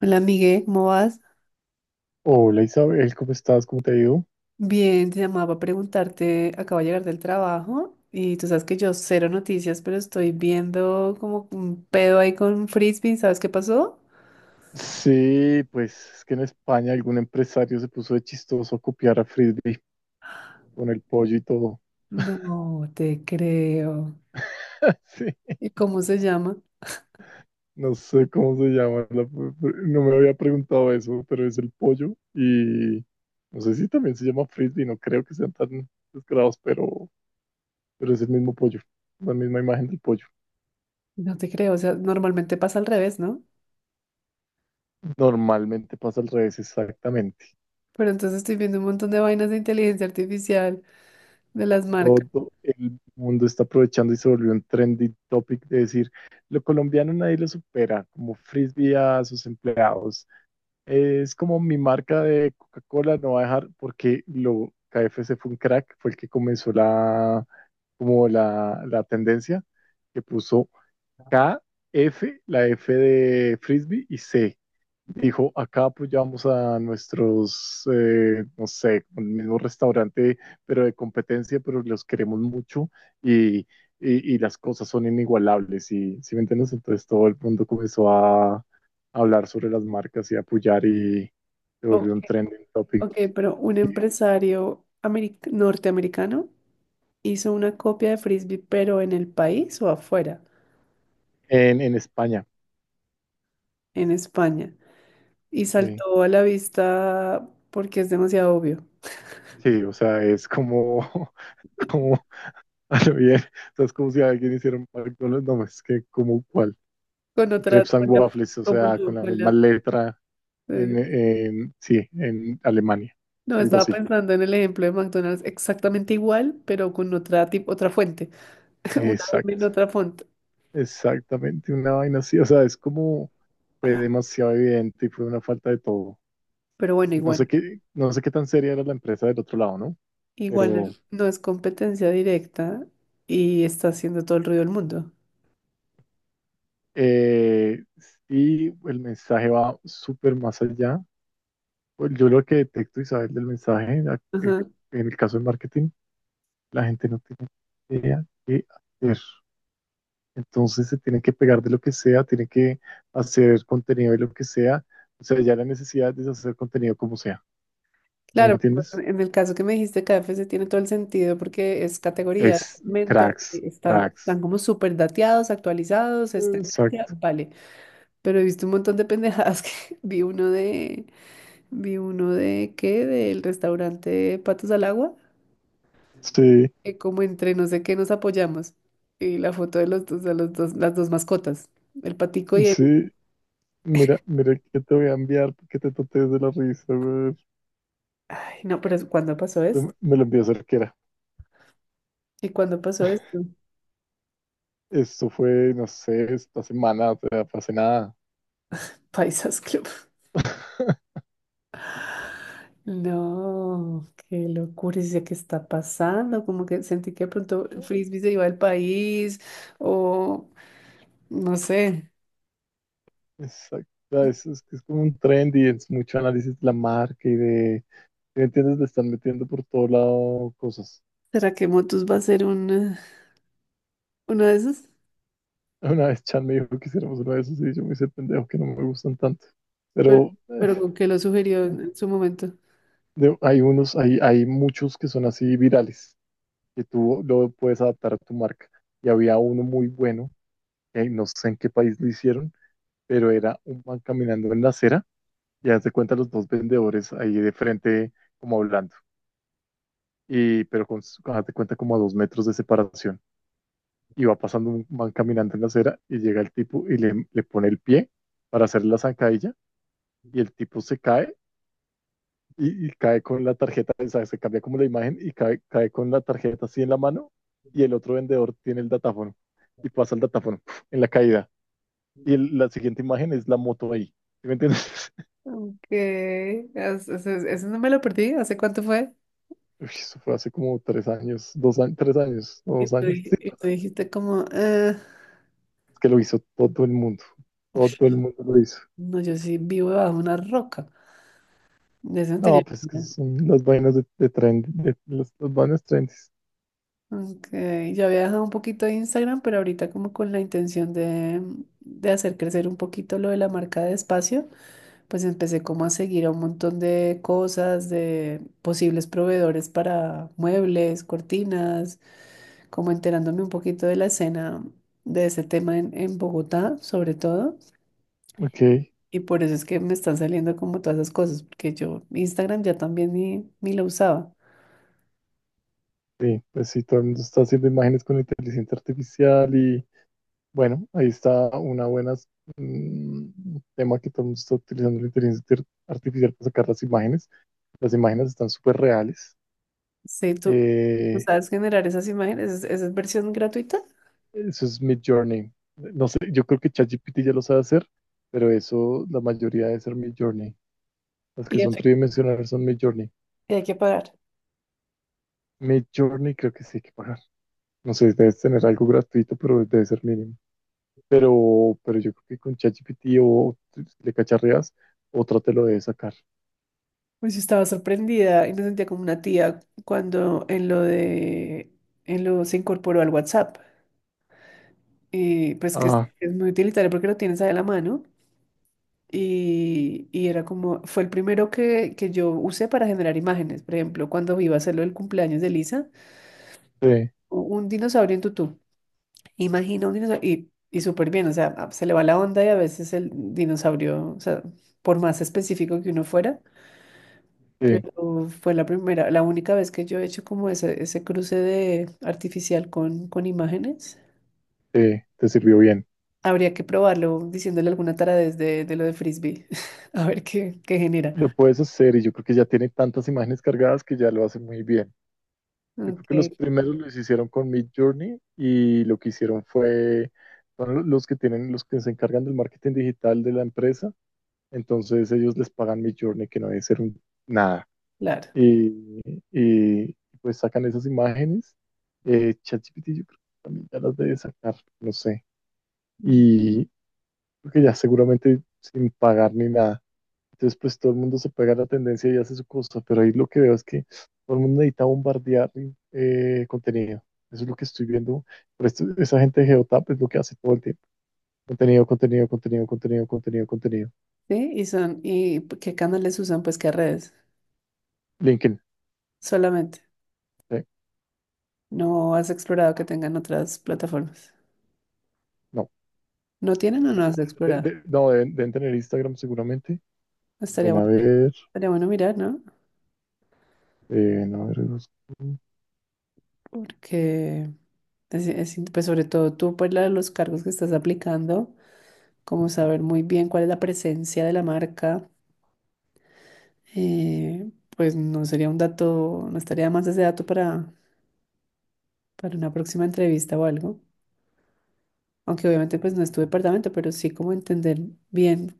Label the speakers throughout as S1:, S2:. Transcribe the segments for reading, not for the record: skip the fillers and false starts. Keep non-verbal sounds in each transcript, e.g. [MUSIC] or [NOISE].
S1: Hola, Miguel, ¿cómo vas?
S2: Hola Isabel, ¿cómo estás? ¿Cómo te ha ido?
S1: Bien, te llamaba para preguntarte, acabo de llegar del trabajo y tú sabes que yo cero noticias, pero estoy viendo como un pedo ahí con un frisbee, ¿sabes qué pasó?
S2: Sí, pues es que en España algún empresario se puso de chistoso a copiar a Frisbee con el pollo y todo.
S1: No te creo.
S2: [LAUGHS] Sí,
S1: ¿Y cómo se llama?
S2: no sé cómo se llama, no me había preguntado eso, pero es el pollo y no sé si también se llama Frisbee, no creo que sean tan descarados, pero es el mismo pollo, la misma imagen del pollo.
S1: No te creo, o sea, normalmente pasa al revés, ¿no?
S2: Normalmente pasa al revés, exactamente.
S1: Pero entonces estoy viendo un montón de vainas de inteligencia artificial de las marcas.
S2: Todo el mundo está aprovechando y se volvió un trendy topic de decir, lo colombiano nadie lo supera, como frisbee a sus empleados. Es como mi marca de Coca-Cola no va a dejar, porque lo KFC fue un crack, fue el que comenzó la tendencia, que puso K, F, la F de frisbee y C. Dijo, acá apoyamos a nuestros, no sé, el mismo restaurante, pero de competencia, pero los queremos mucho y, y- y las cosas son inigualables. Y, ¿sí me entiendes? Entonces todo el mundo comenzó a hablar sobre las marcas y a apoyar y se
S1: Ok,
S2: volvió un trending
S1: ok,
S2: topic
S1: pero un empresario norteamericano hizo una copia de frisbee, pero en el país o afuera.
S2: en España.
S1: En España y
S2: Sí,
S1: saltó a la vista porque es demasiado obvio.
S2: sí, o sea, es como, [LAUGHS] como, a lo bien, o sea, es como si alguien hiciera un McDonald's, no, es que como, ¿cuál?
S1: Con otra,
S2: Crepes and
S1: con la,
S2: Waffles, o
S1: como
S2: sea, con
S1: no,
S2: la misma letra
S1: eh,
S2: sí, en Alemania,
S1: no,
S2: algo
S1: estaba
S2: así.
S1: pensando en el ejemplo de McDonald's exactamente igual, pero con otra otra fuente, [LAUGHS] una M en
S2: Exacto,
S1: otra fuente.
S2: exactamente, una vaina así, o sea, es como fue
S1: Ah,
S2: demasiado evidente y fue una falta de todo.
S1: pero bueno,
S2: No sé
S1: igual,
S2: qué, no sé qué tan seria era la empresa del otro lado, ¿no?
S1: igual
S2: Pero
S1: no es competencia directa y está haciendo todo el ruido del mundo.
S2: eh, sí, el mensaje va súper más allá. Pues yo lo que detecto, Isabel, del mensaje, eh,
S1: Ajá.
S2: en el caso del marketing, la gente no tiene idea qué hacer. Entonces se tienen que pegar de lo que sea, tienen que hacer contenido de lo que sea. O sea, ya la necesidad de hacer contenido como sea. ¿Me
S1: Claro,
S2: entiendes?
S1: bueno, en el caso que me dijiste, KFC tiene todo el sentido porque es categoría,
S2: Es
S1: segmento,
S2: cracks,
S1: y están,
S2: cracks.
S1: están como súper dateados, actualizados, es tendencia,
S2: Exacto.
S1: vale. Pero he visto un montón de pendejadas que [LAUGHS] vi uno de, vi uno de, ¿qué? Del restaurante Patos al Agua,
S2: Sí,
S1: que como entre no sé qué nos apoyamos. Y la foto de los dos, las dos mascotas, el patico y el...
S2: sí. Mira, mira que te voy a enviar que te totes de la risa, güey.
S1: Ay, no, pero ¿cuándo pasó
S2: Me
S1: esto?
S2: me lo envió Cerquera.
S1: ¿Y cuándo pasó esto? [LAUGHS]
S2: Esto fue, no sé, esta semana, o sea, fue hace nada.
S1: Paisas Club.
S2: [LAUGHS]
S1: No, qué locura, ¿es eso qué está pasando? Como que sentí que de pronto Frisbee se iba al país o no sé.
S2: Exacto. Es que es como un trend y es mucho análisis de la marca y de, ¿me entiendes? Le están metiendo por todo lado cosas.
S1: ¿Será que Motus va a ser una de esas?
S2: Una vez Chan me dijo que hiciéramos uno de esos y yo me hice pendejo que no me gustan tanto.
S1: Pero,
S2: Pero eh,
S1: pero con que lo sugirió en su momento.
S2: de- hay unos, hay, hay muchos que son así virales, que tú lo puedes adaptar a tu marca. Y había uno muy bueno, que no sé en qué país lo hicieron, pero era un man caminando en la acera y haz de cuenta los dos vendedores ahí de frente como hablando. Haz de cuenta como a dos metros de separación. Y va pasando un man caminando en la acera y llega el tipo y le pone el pie para hacer la zancadilla y el tipo se cae y cae con la tarjeta, o sea, se cambia como la imagen y cae con la tarjeta así en la mano y el otro vendedor tiene el datáfono y pasa el datáfono en la caída. Y la siguiente imagen es la moto ahí. ¿Sí me entiendes? [LAUGHS]
S1: Ok, eso no me lo perdí. ¿Hace cuánto fue?
S2: Uy, eso fue hace como tres años, dos años, tres años, no,
S1: Y
S2: dos
S1: tú,
S2: años, sí,
S1: y
S2: tres
S1: tú
S2: años.
S1: dijiste como, "Ah,
S2: Es que lo hizo todo el mundo, todo el mundo lo hizo.
S1: no, yo sí vivo bajo una roca. De eso no
S2: No,
S1: tenía".
S2: pues es que son las vainas de trend, de las vainas trendy.
S1: Ok, yo había dejado un poquito de Instagram, pero ahorita como con la intención de hacer crecer un poquito lo de la marca de espacio, pues empecé como a seguir a un montón de cosas, de posibles proveedores para muebles, cortinas, como enterándome un poquito de la escena de ese tema en Bogotá, sobre todo.
S2: Ok,
S1: Y por eso es que me están saliendo como todas esas cosas, porque yo Instagram ya también ni, ni lo usaba.
S2: sí, pues sí, todo el mundo está haciendo imágenes con inteligencia artificial y, bueno, ahí está una buena tema que todo el mundo está utilizando la inteligencia artificial para sacar las imágenes. Las imágenes están súper reales.
S1: Sí, tú, ¿tú
S2: Eh,
S1: sabes generar esas imágenes? Es versión gratuita?
S2: eso es Mid Journey. No sé, yo creo que ChatGPT ya lo sabe hacer, pero eso la mayoría debe ser Mid Journey. Las
S1: Y
S2: que son
S1: eso
S2: tridimensionales son Mid Journey.
S1: y hay que pagar.
S2: Mid Journey creo que sí hay que pagar. No sé, debes tener algo gratuito, pero debe ser mínimo. Pero yo creo que con ChatGPT o le cacharreas, otra te lo debe sacar.
S1: Pues estaba sorprendida y me sentía como una tía cuando en lo de, en lo se incorporó al WhatsApp. Y pues que
S2: Ah,
S1: es muy utilitario porque lo tienes ahí a la mano. Y era como, fue el primero que yo usé para generar imágenes. Por ejemplo, cuando iba a hacerlo el cumpleaños de Lisa,
S2: sí.
S1: un dinosaurio en tutú. Imagina un dinosaurio y súper bien, o sea, se le va la onda y a veces el dinosaurio, o sea, por más específico que uno fuera.
S2: Sí,
S1: Pero fue la primera, la única vez que yo he hecho como ese cruce de artificial con imágenes.
S2: te sirvió bien.
S1: Habría que probarlo diciéndole alguna taradez de lo de frisbee, [LAUGHS] a ver qué, qué
S2: Lo
S1: genera.
S2: puedes hacer y yo creo que ya tiene tantas imágenes cargadas que ya lo hace muy bien. Yo creo que los
S1: Ok,
S2: primeros los hicieron con Mid Journey y lo que hicieron fue, son los que tienen, los que se encargan del marketing digital de la empresa, entonces ellos les pagan Mid Journey, que no debe ser nada.
S1: claro.
S2: Y, y, pues sacan esas imágenes. ChatGPT yo creo que también ya las debe sacar, no sé.
S1: Mm.
S2: Y creo que ya seguramente sin pagar ni nada. Entonces, pues todo el mundo se pega a la tendencia y hace su cosa, pero ahí lo que veo es que todo el mundo necesita bombardear contenido. Eso es lo que estoy viendo. Pero esa gente de Geotap es lo que hace todo el tiempo. Contenido, contenido, contenido, contenido, contenido, contenido.
S1: Sí, y son, ¿y qué canales usan? Pues qué redes,
S2: LinkedIn.
S1: solamente.
S2: eh,
S1: No has explorado que tengan otras plataformas.
S2: no.
S1: ¿No tienen o no has explorado?
S2: No, deben tener Instagram seguramente.
S1: Estaría
S2: Ven a
S1: bueno,
S2: ver.
S1: estaría bueno mirar, ¿no?
S2: Ven a ver.
S1: Porque es, pues sobre todo tú, por los cargos que estás aplicando. Como saber muy bien cuál es la presencia de la marca, eh, pues no sería un dato, no estaría de más ese dato para una próxima entrevista o algo. Aunque obviamente pues no es tu departamento, pero sí como entender bien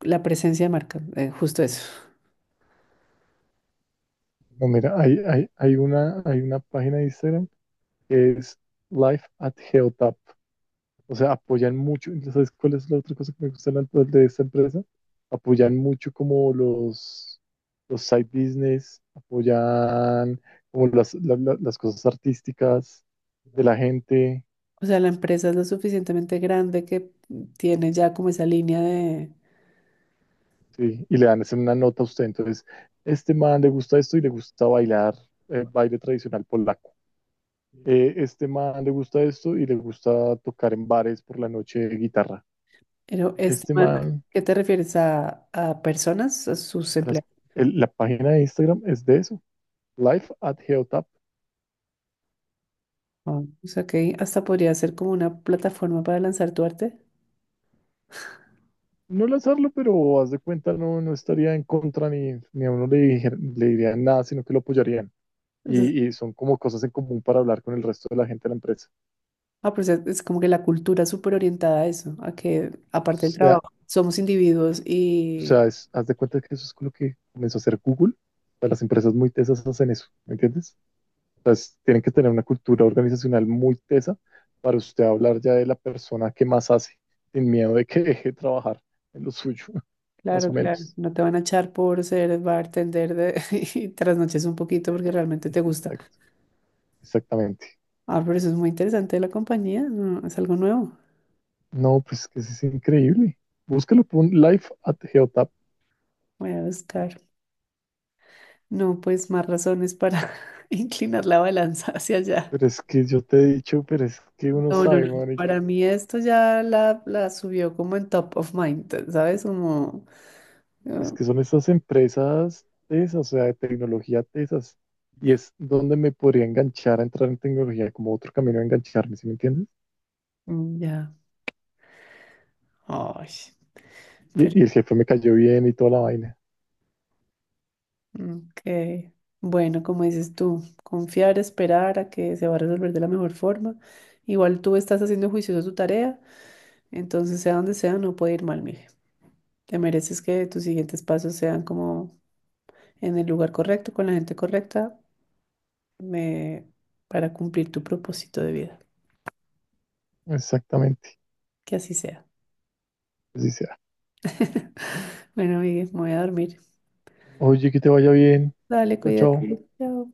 S1: la presencia de marca, justo eso.
S2: No, mira, hay una página de Instagram que es Life at Geotap. O sea, apoyan mucho. ¿Sabes cuál es la otra cosa que me gusta tanto de esta empresa? Apoyan mucho como los side business, apoyan como las cosas artísticas de la gente,
S1: O sea, la empresa es lo suficientemente grande que tiene ya como esa línea de...
S2: ¿sí? Y le dan una nota a usted. Entonces, este man le gusta esto y le gusta bailar baile tradicional polaco. Este man le gusta esto y le gusta tocar en bares por la noche guitarra.
S1: Pero esta
S2: Este
S1: marca,
S2: man,
S1: ¿qué te refieres a personas, a sus
S2: las-
S1: empleados?
S2: la página de Instagram es de eso, Life at Geotap.
S1: Ah, o sea, que hasta podría ser como una plataforma para lanzar tu arte.
S2: No al hacerlo, pero haz de cuenta, no, no estaría en contra ni a uno le, le dirían nada, sino que lo apoyarían. Y son como cosas en común para hablar con el resto de la gente de la empresa.
S1: Ah, pues es como que la cultura es súper orientada a eso, a que
S2: O
S1: aparte del
S2: sea,
S1: trabajo, somos individuos
S2: o
S1: y
S2: sea, haz de cuenta que eso es con lo que comenzó a hacer Google. O sea, las empresas muy tesas hacen eso, ¿me entiendes? O sea, tienen que tener una cultura organizacional muy tesa para usted hablar ya de la persona que más hace, sin miedo de que deje de trabajar en lo suyo, [LAUGHS] más o
S1: claro, claro,
S2: menos.
S1: no te van a echar por ser bartender de, [LAUGHS] y trasnoches un poquito porque realmente te gusta.
S2: Exact- Exactamente.
S1: Ah, pero eso es muy interesante de la compañía, no, es algo nuevo.
S2: No, pues que eso es increíble. Búscalo por Life at Geotap.
S1: Voy a buscar. No, pues más razones para [LAUGHS] inclinar la balanza hacia allá.
S2: Pero es que yo te he dicho, pero es que uno
S1: No, no, no.
S2: sabe,
S1: Para
S2: marica.
S1: mí esto ya la subió como en top of mind, ¿sabes? Como, ah,
S2: Es que son estas empresas tesas, o sea, de tecnología tesas. Y es donde me podría enganchar a entrar en tecnología, como otro camino a engancharme, ¿sí me entiendes?
S1: mm, ya. Ay.
S2: Y,
S1: Pero.
S2: y el jefe me cayó bien y toda la vaina.
S1: Ok. Bueno, como dices tú, confiar, esperar a que se va a resolver de la mejor forma. Igual tú estás haciendo juicioso tu tarea, entonces sea donde sea, no puede ir mal, mire. Te mereces que tus siguientes pasos sean como en el lugar correcto, con la gente correcta, me- para cumplir tu propósito de vida.
S2: Exactamente.
S1: Que así sea.
S2: Así sea.
S1: [LAUGHS] Bueno, Miguel, me voy a dormir.
S2: Oye, que te vaya bien.
S1: Dale,
S2: Chao, chao.
S1: cuídate. Chao.